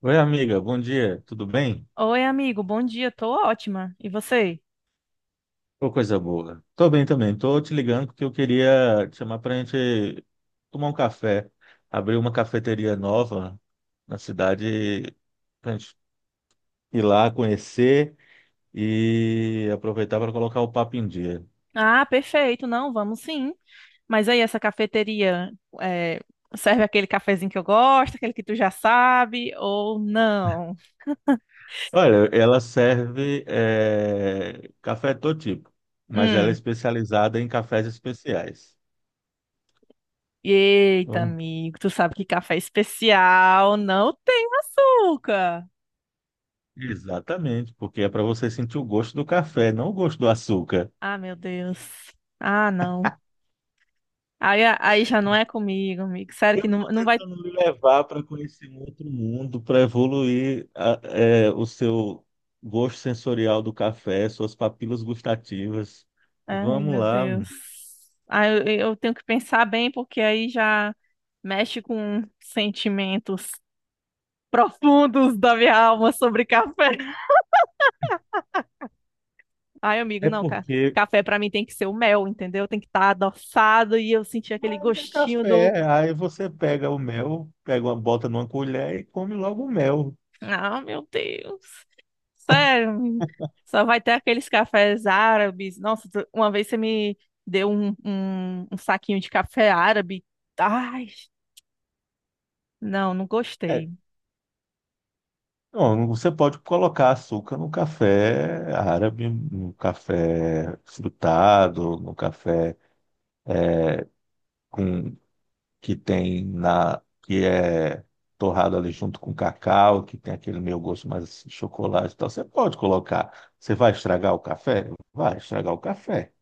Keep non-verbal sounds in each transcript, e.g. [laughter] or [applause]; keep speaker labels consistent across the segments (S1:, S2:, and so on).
S1: Oi, amiga, bom dia, tudo bem?
S2: Oi, amigo, bom dia, tô ótima. E você?
S1: Ô, coisa boa. Tô bem também, tô te ligando porque eu queria te chamar pra gente tomar um café. Abrir uma cafeteria nova na cidade pra gente ir lá conhecer e aproveitar para colocar o papo em dia.
S2: Ah, perfeito, não, vamos sim. Mas aí, essa cafeteria é, serve aquele cafezinho que eu gosto, aquele que tu já sabe, ou não?
S1: Olha, ela serve café de todo tipo, mas ela é
S2: Hum,
S1: especializada em cafés especiais.
S2: eita,
S1: Vamos-
S2: amigo, tu sabe que café especial não tem açúcar.
S1: Exatamente, porque é para você sentir o gosto do café, não o gosto do açúcar.
S2: Ah, meu Deus. Ah, não. Aí já não é comigo, amigo. Sério
S1: Eu
S2: que não,
S1: estou
S2: não vai.
S1: tentando me levar para conhecer um outro mundo, para evoluir o seu gosto sensorial do café, suas papilas gustativas.
S2: Ai,
S1: Vamos
S2: meu
S1: lá.
S2: Deus. Ah, eu tenho que pensar bem, porque aí já mexe com sentimentos profundos da minha alma sobre café. [laughs] Ai, amigo,
S1: É
S2: não,
S1: porque
S2: café pra mim tem que ser o mel, entendeu? Tem que estar adoçado e eu sentir aquele
S1: ainda é
S2: gostinho do.
S1: café, aí você pega o mel, pega uma, bota numa colher e come logo o mel.
S2: Ah, meu Deus. Sério, menino. Só vai ter aqueles cafés árabes. Nossa, uma vez você me deu um saquinho de café árabe. Ai, não, não
S1: É,
S2: gostei.
S1: não, você pode colocar açúcar no café árabe, no café frutado, no café com que tem na que é torrado ali junto com cacau, que tem aquele meio gosto mais assim, de chocolate e tal. Você pode colocar. Você vai estragar o café? Vai estragar o café,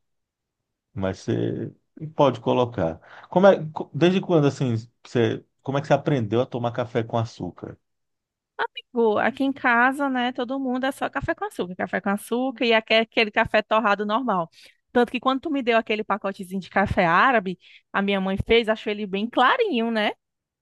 S1: mas você pode colocar. Desde quando assim, você, como é que você aprendeu a tomar café com açúcar?
S2: Aqui em casa, né, todo mundo é só café com açúcar e aquele café torrado normal. Tanto que quando tu me deu aquele pacotezinho de café árabe, a minha mãe fez, achou ele bem clarinho, né?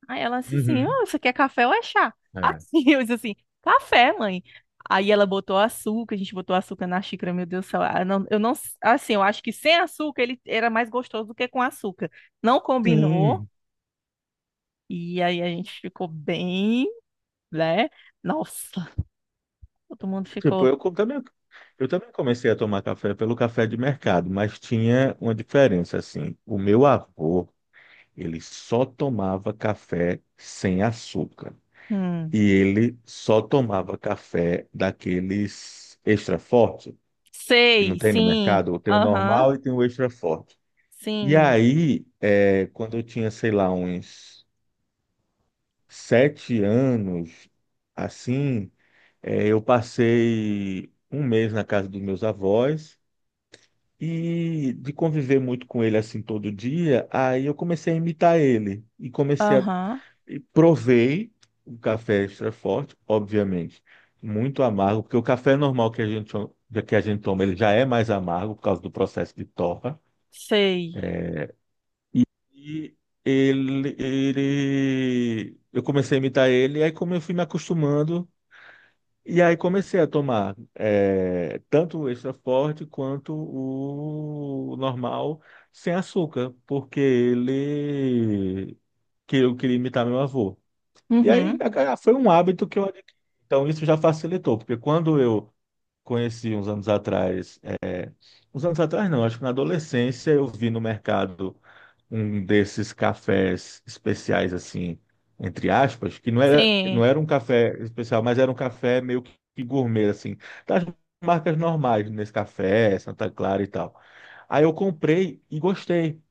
S2: Aí ela disse assim,
S1: Uhum.
S2: oh, isso aqui é café ou é chá?
S1: É.
S2: Assim, [laughs] eu disse assim, café, mãe. Aí ela botou açúcar, a gente botou açúcar na xícara, meu Deus do céu. Eu não, assim, eu acho que sem açúcar ele era mais gostoso do que com açúcar. Não combinou,
S1: Sim,
S2: e aí a gente ficou bem, né? Nossa, todo mundo
S1: tipo,
S2: ficou.
S1: eu também comecei a tomar café pelo café de mercado, mas tinha uma diferença assim. O meu avô ele só tomava café sem açúcar.
S2: Hum.
S1: E ele só tomava café daqueles extra forte, que não
S2: Sei,
S1: tem no
S2: sim.
S1: mercado. Tem o
S2: Aham.
S1: normal e tem o extra forte. E
S2: Sim.
S1: aí, é, quando eu tinha, sei lá, uns sete anos, assim, é, eu passei um mês na casa dos meus avós e de conviver muito com ele assim todo dia, aí eu comecei a imitar ele e comecei a,
S2: Aham.
S1: e provei um café extra forte, obviamente, muito amargo, porque o café normal que que a gente toma, ele já é mais amargo por causa do processo de torra.
S2: Sei.
S1: E ele, eu comecei a imitar ele, e aí como eu fui me acostumando, e aí comecei a tomar tanto o extra forte quanto o normal sem açúcar, porque ele, que eu queria imitar meu avô. E aí
S2: Uhum.
S1: foi um hábito que eu adquiri. Então isso já facilitou, porque quando eu conheci uns anos atrás, é, uns anos atrás não, acho que na adolescência eu vi no mercado um desses cafés especiais assim, entre aspas, que não
S2: Sim.
S1: era um café especial, mas era um café meio que gourmet assim, das marcas normais, Nescafé, Santa Clara e tal. Aí eu comprei e gostei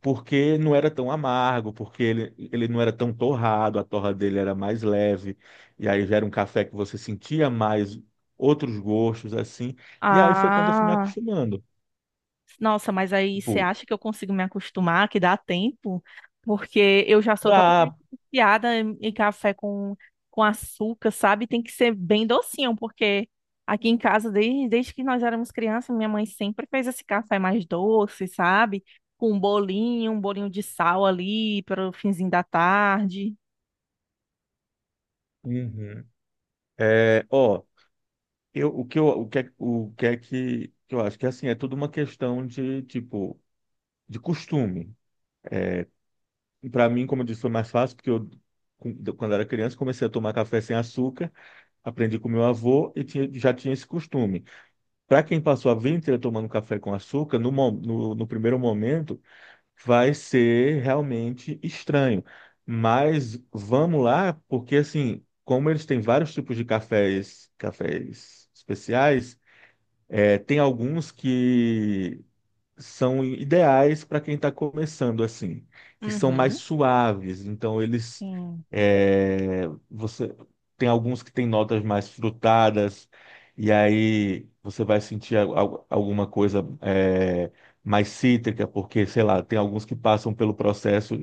S1: porque não era tão amargo, porque ele não era tão torrado, a torra dele era mais leve, e aí já era um café que você sentia mais outros gostos, assim, e aí foi quando eu fui me
S2: Ah.
S1: acostumando.
S2: Nossa, mas aí você
S1: Tipo,
S2: acha que eu consigo me acostumar, que dá tempo? Porque eu já sou totalmente
S1: dá.
S2: viciada em café com açúcar, sabe? Tem que ser bem docinho, porque aqui em casa, desde que nós éramos crianças, minha mãe sempre fez esse café mais doce, sabe? Com um bolinho de sal ali para o finzinho da tarde.
S1: Uhum. É, ó, eu, o que é que eu acho que, assim, é tudo uma questão de, tipo, de costume. Para mim, como eu disse, foi mais fácil, porque eu, quando era criança, comecei a tomar café sem açúcar, aprendi com meu avô e já tinha esse costume. Para quem passou a vida inteira tomando café com açúcar, no primeiro momento vai ser realmente estranho. Mas vamos lá, porque assim, como eles têm vários tipos de cafés, cafés especiais, é, tem alguns que são ideais para quem está começando assim, que são mais
S2: Uhum.
S1: suaves. Então eles
S2: Sim.
S1: é, você tem alguns que têm notas mais frutadas e aí você vai sentir alguma coisa mais cítrica, porque sei lá, tem alguns que passam pelo processo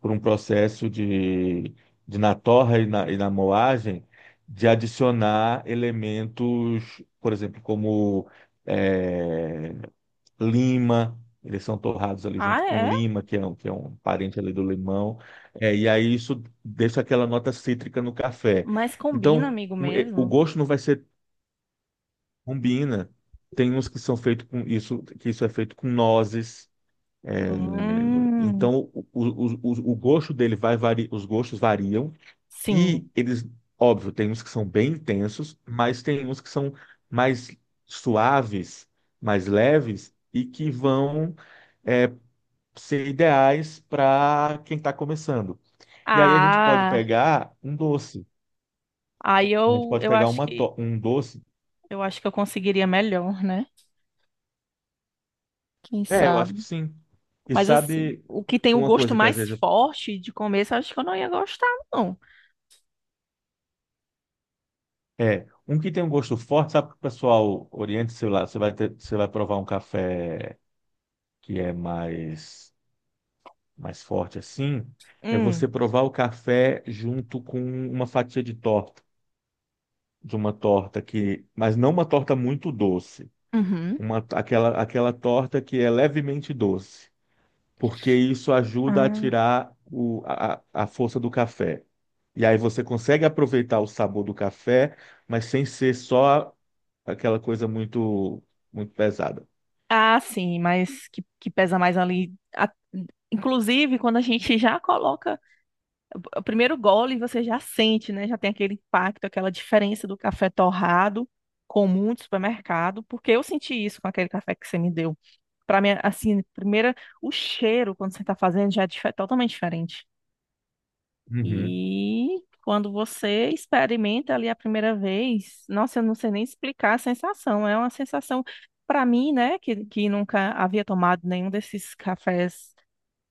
S1: por um processo de na torra e e na moagem de adicionar elementos, por exemplo, como é, lima. Eles são torrados ali
S2: Ah,
S1: junto com
S2: é?
S1: lima, que é um parente ali do limão, é, e aí isso deixa aquela nota cítrica no café.
S2: Mas combina,
S1: Então,
S2: amigo
S1: eh, o
S2: mesmo.
S1: gosto não vai ser, combina. Tem uns que são feitos com isso, que isso é feito com nozes. É,
S2: Hum,
S1: então, o gosto dele vai variar, os gostos variam,
S2: sim.
S1: e eles, óbvio, tem uns que são bem intensos, mas tem uns que são mais suaves, mais leves, e que vão eh, ser ideais para quem está começando. E aí a gente pode
S2: Ah,
S1: pegar um doce,
S2: aí
S1: A gente
S2: eu,
S1: pode
S2: eu
S1: pegar
S2: acho que
S1: um doce.
S2: eu acho que eu conseguiria melhor, né? Quem
S1: É, eu acho que
S2: sabe?
S1: sim. E
S2: Mas assim,
S1: sabe
S2: o que tem o
S1: uma
S2: gosto
S1: coisa que às
S2: mais
S1: vezes
S2: forte de começo, eu acho que eu não ia gostar, não.
S1: é um que tem um gosto forte, sabe que o pessoal oriente, sei lá, você vai ter, você vai provar um café que é mais forte assim, é
S2: Hum,
S1: você provar o café junto com uma fatia de torta, de uma torta que, mas não uma torta muito doce.
S2: uhum.
S1: Uma, aquela torta que é levemente doce, porque isso ajuda a
S2: Ah,
S1: tirar a força do café. E aí você consegue aproveitar o sabor do café, mas sem ser só aquela coisa muito, muito pesada.
S2: ah, sim, mas que pesa mais ali. Inclusive, quando a gente [laughs] já coloca o primeiro gole você já sente, né? Já tem aquele impacto, aquela diferença do café torrado comum de supermercado, porque eu senti isso com aquele café que você me deu. Para mim, assim, primeira, o cheiro quando você está fazendo já é totalmente diferente.
S1: Uhum.
S2: E quando você experimenta ali a primeira vez, nossa, eu não sei nem explicar a sensação. É uma sensação para mim, né, que nunca havia tomado nenhum desses cafés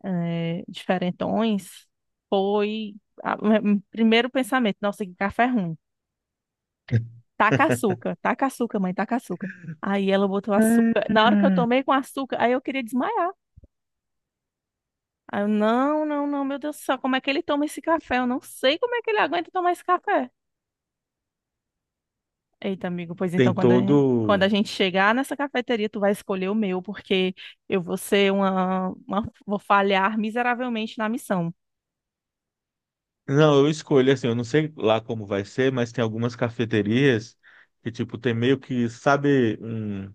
S2: diferentões, foi o primeiro pensamento, nossa, que café ruim. Taca açúcar, mãe, taca açúcar. Aí ela botou açúcar. Na hora que eu tomei com açúcar, aí eu queria desmaiar. Aí eu, não, não, não, meu Deus do céu, como é que ele toma esse café? Eu não sei como é que ele aguenta tomar esse café. Eita, amigo, pois então,
S1: Tem
S2: quando a gente, quando a
S1: todo
S2: gente chegar nessa cafeteria, tu vai escolher o meu, porque eu vou ser uma, vou falhar miseravelmente na missão.
S1: Não, eu escolho assim, eu não sei lá como vai ser, mas tem algumas cafeterias que, tipo, tem meio que, sabe, um,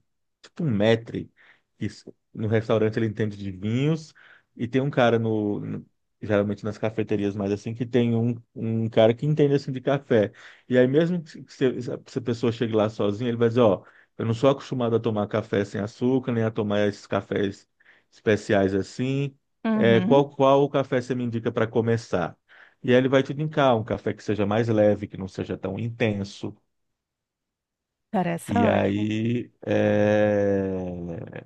S1: tipo um maître, que s- no restaurante ele entende de vinhos, e tem um cara geralmente nas cafeterias mais assim, que tem um cara que entende assim de café. E aí mesmo que se, se a pessoa chegue lá sozinha, ele vai dizer, ó, eu não sou acostumado a tomar café sem açúcar, nem a tomar esses cafés especiais assim. É,
S2: Uhum,
S1: qual café você me indica para começar? E aí ele vai te indicar um café que seja mais leve, que não seja tão intenso. E
S2: interessante.
S1: aí é,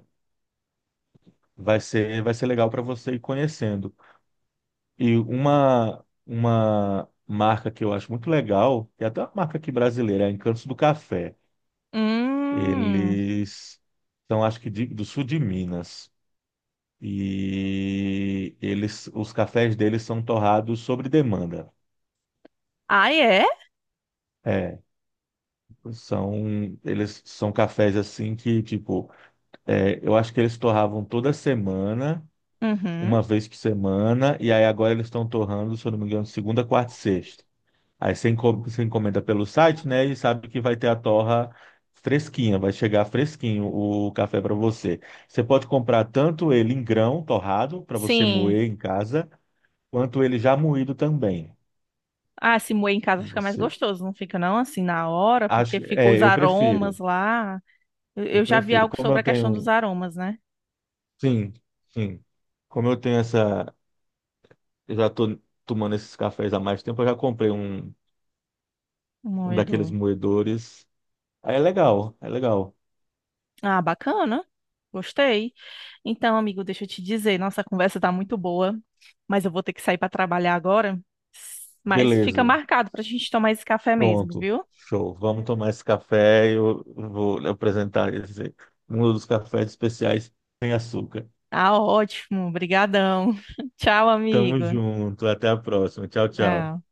S1: vai ser legal para você ir conhecendo. E uma marca que eu acho muito legal, que é até uma marca aqui brasileira, é Encantos do Café.
S2: Hum,
S1: Eles são, acho que, do sul de Minas. E eles, os cafés deles são torrados sobre demanda.
S2: Ah, é?
S1: É, são, eles são cafés assim que, tipo, é, eu acho que eles torravam toda semana,
S2: Uhum.
S1: uma vez por semana, e aí agora eles estão torrando, se eu não me engano, segunda, quarta e sexta. Aí você você encomenda pelo site, né, e sabe que vai ter a torra fresquinha, vai chegar fresquinho o café para você. Você pode comprar tanto ele em grão, torrado, para você
S2: Sim.
S1: moer em casa, quanto ele já moído também.
S2: Ah, se moer em
S1: E
S2: casa fica mais
S1: Você
S2: gostoso, não fica não assim na hora, porque fica os
S1: eu
S2: aromas
S1: prefiro,
S2: lá. Eu,
S1: eu
S2: eu já vi
S1: prefiro.
S2: algo
S1: Como
S2: sobre
S1: eu
S2: a questão dos
S1: tenho,
S2: aromas, né?
S1: sim, sim. Como eu tenho essa Eu já tô tomando esses cafés há mais tempo. Eu já comprei
S2: O
S1: um daqueles
S2: moedor.
S1: moedores. Aí é legal, é legal.
S2: Ah, bacana. Gostei. Então, amigo, deixa eu te dizer, nossa conversa tá muito boa, mas eu vou ter que sair para trabalhar agora. Mas fica
S1: Beleza,
S2: marcado pra gente tomar esse café mesmo,
S1: pronto.
S2: viu?
S1: Show. Vamos tomar esse café. Eu vou lhe apresentar esse, um dos cafés especiais sem açúcar.
S2: Tá ótimo. Obrigadão. [laughs] Tchau,
S1: Tamo
S2: amigo.
S1: junto. Até a próxima. Tchau, tchau.
S2: Tchau.